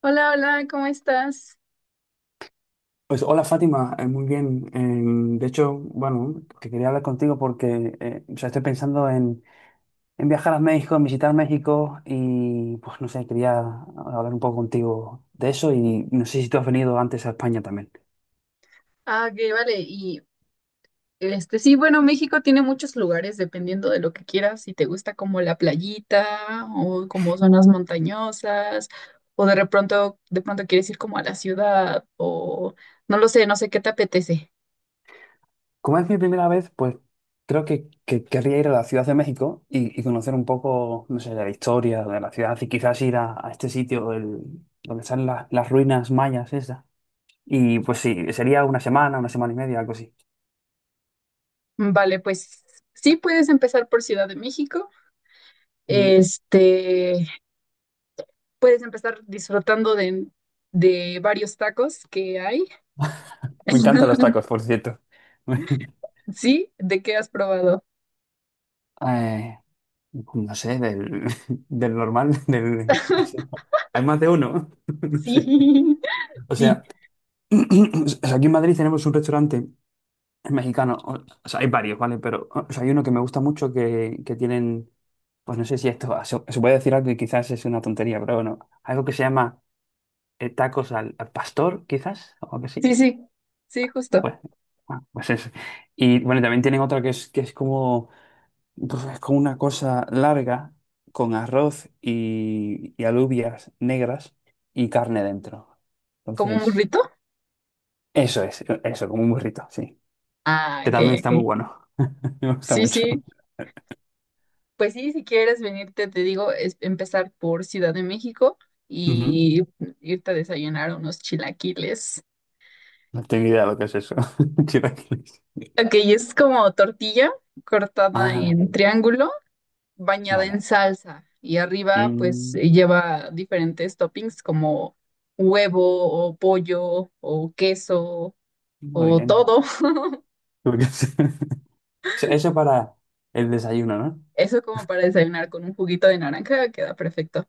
Hola, hola, ¿cómo estás? Pues hola Fátima, muy bien. De hecho, bueno, que quería hablar contigo porque o sea, estoy pensando en viajar a México, en visitar México y pues no sé, quería hablar un poco contigo de eso y no sé si tú has venido antes a España también. Ah, ok, vale. Y este, sí, bueno, México tiene muchos lugares dependiendo de lo que quieras, si te gusta como la playita o como zonas montañosas o de pronto quieres ir como a la ciudad o no lo sé, no sé qué te apetece. Como es mi primera vez, pues creo que querría ir a la Ciudad de México y conocer un poco, no sé, la historia de la ciudad y quizás ir a este sitio donde están las ruinas mayas esas. Y pues sí, sería una semana y media, algo así. Vale, pues sí puedes empezar por Ciudad de México. Este, puedes empezar disfrutando de varios tacos que hay. Me encantan los tacos, por cierto. Sí, ¿de qué has probado? Eh, no sé, del normal, del. Hay más de uno. No Sí. sé. O Sí, sea, o sea, aquí en Madrid tenemos un restaurante mexicano. O sea, hay varios, ¿vale? Pero o sea, hay uno que me gusta mucho que tienen. Pues no sé si esto se puede decir algo que quizás es una tontería, pero bueno. Algo que se llama tacos al pastor, quizás, o algo sí, así. sí, sí, justo. Pues, ah, pues eso. Y bueno, también tienen otra que es como. Pues es como una cosa larga, con arroz y alubias negras y carne dentro. ¿Como un Entonces, burrito? Eso, como un burrito, sí. Ah, Que ok, también ok. está muy bueno, me gusta Sí, mucho. sí. Pues sí, si quieres venirte, te digo, es empezar por Ciudad de México Ujú. y irte a desayunar unos chilaquiles. No tengo idea de lo que es eso. Chilaquiles. Ok, es como tortilla cortada Ah, en vale. triángulo, bañada en Vale. salsa y arriba pues Mm, lleva diferentes toppings como huevo o pollo o queso muy o bien. todo. Porque es- Eso para el desayuno, ¿no? Eso es como para desayunar con un juguito de naranja, queda perfecto.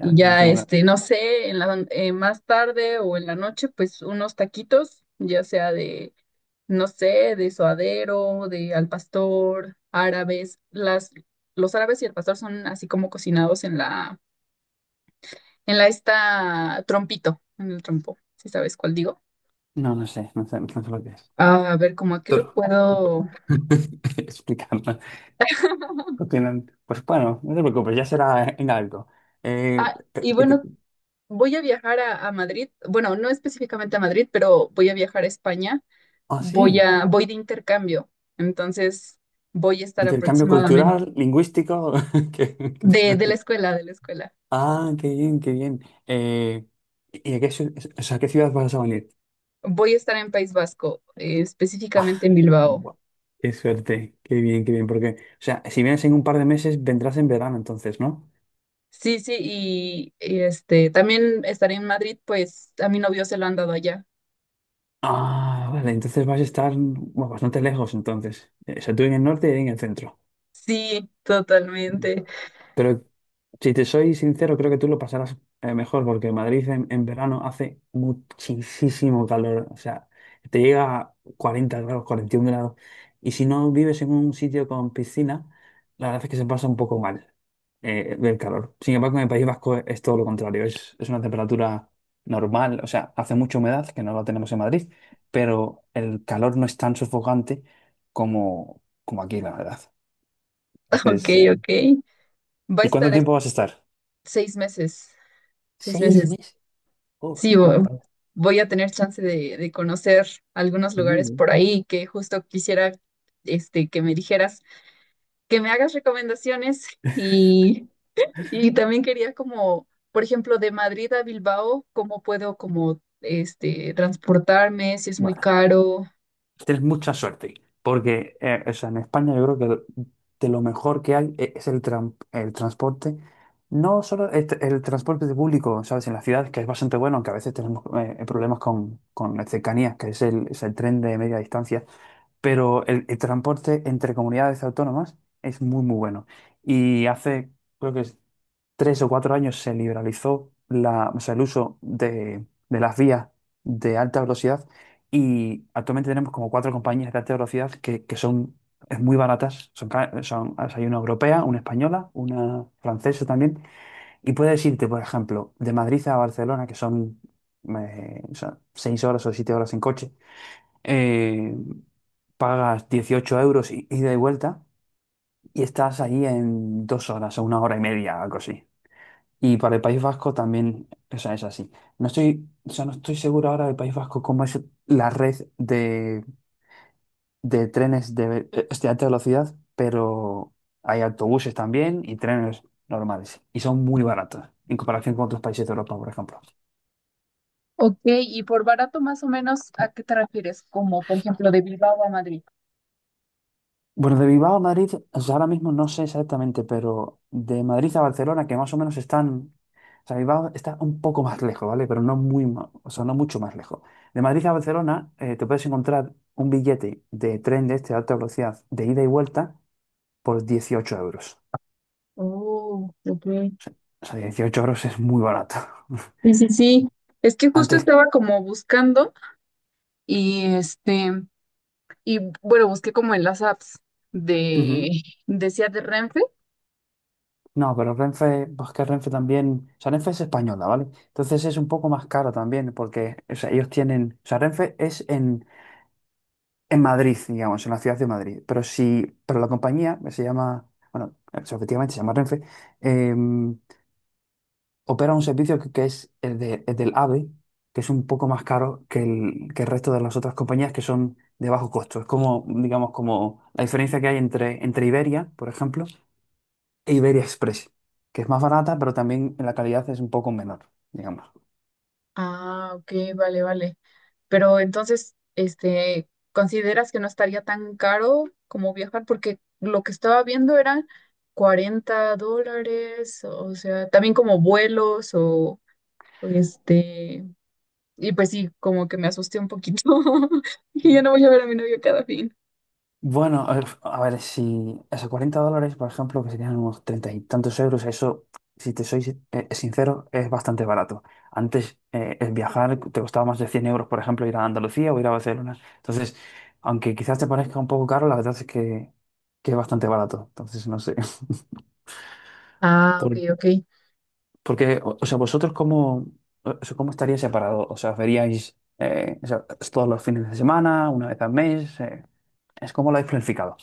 Y ya, este, no sé, más tarde o en la noche, pues unos taquitos, ya sea no sé, de suadero, de al pastor, árabes. Los árabes y el pastor son así como cocinados en la esta trompito, en el trompo, si sabes cuál digo. No, no sé lo que es. Ah, a ver, ¿cómo aquí lo Toro. puedo? Explicarme. No tienen- Pues bueno, no te preocupes, ya será en algo. Ah, y Que te- bueno, voy a viajar a Madrid, bueno, no específicamente a Madrid, pero voy a viajar a España. ah, Voy sí, a, voy de intercambio, entonces voy a estar intercambio aproximadamente cultural, lingüístico. que te de, de la cuente. escuela, de la escuela. Ah, qué bien, qué bien. Eh, ¿Y o sea, a qué ciudad vas a venir? Voy a estar en País Vasco, Ah, específicamente en Bilbao. bu- qué suerte, qué bien, porque, o sea, si vienes en un par de meses, vendrás en verano entonces, ¿no? Sí, sí, y este también estaré en Madrid, pues a mi novio se lo han dado allá. Ah, vale, entonces vas a estar bueno, bastante lejos entonces. O sea, tú en el norte y en el centro. Sí, totalmente. Pero si te soy sincero, creo que tú lo pasarás mejor porque Madrid en verano hace muchísimo calor. O sea, te llega a 40 grados, 41 grados. Y si no vives en un sitio con piscina, la verdad es que se pasa un poco mal el calor. Sin embargo, en el País Vasco es todo lo contrario. Es una temperatura normal. O sea, hace mucha humedad, que no la tenemos en Madrid, pero el calor no es tan sofocante como aquí, la verdad. Ok, Entonces, ok. Va a ¿y cuánto estar es- tiempo vas a estar? 6 meses, seis Seis meses. meses. Uf, Sí, bueno, vo- joder, voy a tener chance de conocer algunos muy lugares por bien. ahí que justo quisiera este, que me dijeras, que me hagas recomendaciones y, y también quería como, por ejemplo, de Madrid a Bilbao, cómo puedo como este, transportarme, si es muy Bueno, caro. tienes mucha suerte, porque o sea, en España yo creo que de lo mejor que hay es el transporte, no solo el transporte de público, ¿sabes? En la ciudad, que es bastante bueno, aunque a veces tenemos problemas con las cercanías, que es el tren de media distancia, pero el transporte entre comunidades autónomas es muy, muy bueno. Y hace, creo que es 3 o 4 años se liberalizó la, o sea, el uso de las vías de alta velocidad y actualmente tenemos como cuatro compañías de alta velocidad que son muy baratas. Son, o sea, hay una europea, una española, una francesa también. Y puedes irte, por ejemplo, de Madrid a Barcelona, que son, o sea, 6 horas o 7 horas en coche. eh, Pagas 18 euros ida y vuelta y estás ahí en 2 horas o 1 hora y media, algo así. Y para el País Vasco también, o sea, es así. No estoy, o sea, no estoy seguro ahora del País Vasco cómo es la red de trenes de, este, alta velocidad, pero hay autobuses también y trenes normales. Y son muy baratos en comparación con otros países de Europa, por ejemplo. Ok, y por barato más o menos, ¿a qué te refieres? Como por ejemplo de Bilbao a Madrid. Bueno, de Bilbao a Madrid, o sea, ahora mismo no sé exactamente, pero de Madrid a Barcelona, que más o menos están. O sea, Bilbao está un poco más lejos, ¿vale? Pero no muy, o sea, no mucho más lejos. De Madrid a Barcelona, te puedes encontrar un billete de tren de este de alta velocidad de ida y vuelta por 18 euros. Oh, ok. O sea, 18 euros es muy barato. Sí, sí, sí. Es que justo Antes, estaba como buscando y este, y bueno, busqué como en las apps de, Ujú. decía de Renfe. No, pero Renfe, pues que Renfe también, o sea, Renfe es española, ¿vale? Entonces es un poco más caro también, porque, o sea, ellos tienen, o sea, Renfe es en, Madrid, digamos, en la ciudad de Madrid. Pero si, pero la compañía se llama, bueno, es- efectivamente se llama Renfe, eh, opera un servicio que es el del AVE, que es un poco más caro que que el resto de las otras compañías que son de bajo costo. Es como, digamos, como la diferencia que hay entre Iberia, por ejemplo, e Iberia Express, que es más barata, pero también en la calidad es un poco menor, digamos. Ah, ok, vale, vale. Pero entonces, este, ¿consideras que no estaría tan caro como viajar? Porque lo que estaba viendo eran $40, o sea, también como vuelos o este, y pues sí, como que me asusté un poquito. Y ya no voy a ver a mi novio cada fin. Bueno, a ver, si esos 40 dólares, por ejemplo, que serían unos treinta y tantos euros, eso, si te soy sincero, es bastante barato. Antes, el viajar te costaba más de 100 euros, por ejemplo, ir a Andalucía o ir a Barcelona. Entonces, aunque quizás te parezca un poco caro, la verdad es que es bastante barato. Entonces, no sé. Ah, ok, Por- ok. porque, o sea, vosotros, ¿cómo, o sea, cómo estaría separado? O sea, ¿os veríais o sea, todos los fines de semana, una vez al mes? ¿Es como lo habéis planificado?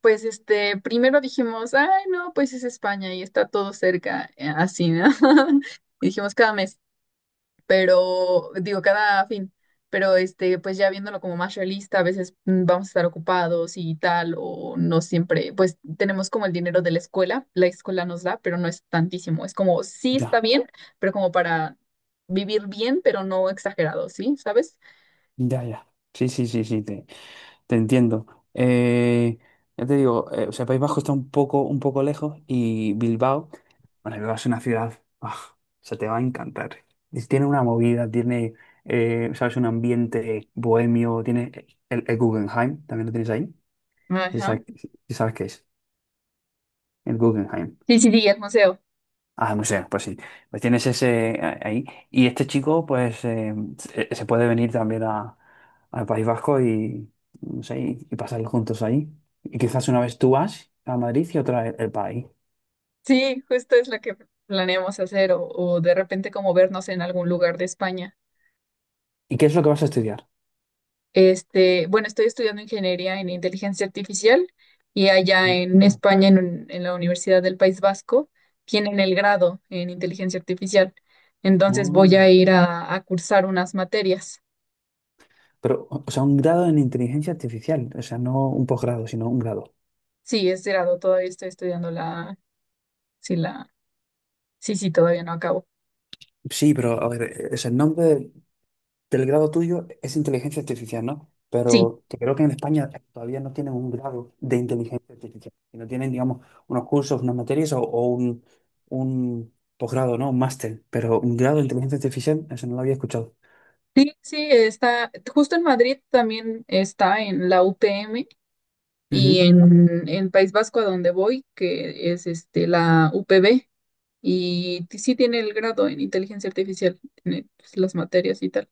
Pues este, primero dijimos, ay, no, pues es España y está todo cerca, así, ¿no? Y dijimos cada mes, pero digo, cada fin, pero este, pues ya viéndolo como más realista, a veces vamos a estar ocupados y tal, o no siempre, pues tenemos como el dinero de la escuela nos da, pero no es tantísimo, es como, sí Ya. está bien, pero como para vivir bien, pero no exagerado, ¿sí? ¿Sabes? Ya, ya. Sí, sí, sí, sí, te entiendo. Eh, ya te digo, o sea, País Vasco está un poco lejos y Bilbao, bueno, Bilbao es una ciudad, ah, se te va a encantar. Y tiene una movida, tiene, sabes, un ambiente bohemio, tiene el Guggenheim, también lo tienes ahí. Ya Ajá. sabes, ya sabes qué es, el Guggenheim. Sí, sí, sí, el museo. Ah, museo, pues sí. Pues tienes ese ahí. Y este chico, pues, se puede venir también al País Vasco y, no sé, y pasarlo juntos ahí. Y quizás una vez tú vas a Madrid y otra el país. Sí, justo es lo que planeamos hacer o de repente como vernos en algún lugar de España. ¿Y qué es lo que vas a estudiar? Este, bueno, estoy estudiando ingeniería en inteligencia artificial y allá en España, en la Universidad del País Vasco, tienen el grado en inteligencia artificial. Entonces voy Mm. a ir a cursar unas materias. Pero, o sea, un grado en inteligencia artificial. O sea, no un posgrado, sino un grado. Sí, es grado, todavía estoy estudiando la, sí, la, sí, sí, todavía no acabo. Sí, pero a ver, es el nombre. Pero el grado tuyo es inteligencia artificial, ¿no? Sí, Pero que creo que en España todavía no tienen un grado de inteligencia artificial, no tienen, digamos, unos cursos, unas materias o un posgrado, ¿no? Un máster, pero un grado de inteligencia artificial, eso no lo había escuchado. sí, sí, está, justo en Madrid también está en la UPM. Y Ujú. en País Vasco, a donde voy, que es este, la UPB, y sí tiene el grado en inteligencia artificial, tiene pues, las materias y tal.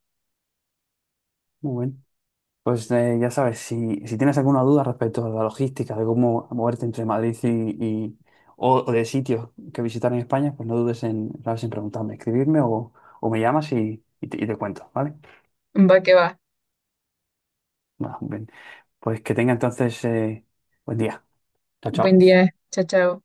Muy bueno. Pues ya sabes, si tienes alguna duda respecto a la logística, de cómo moverte entre Madrid y, y- o, de sitios que visitar en España, pues no dudes en, sabes, en preguntarme, escribirme o me llamas y te cuento, ¿vale? Va que va. Bueno, bien. Pues que tenga entonces buen día. Chao, Buen chao. día. Chao, chao.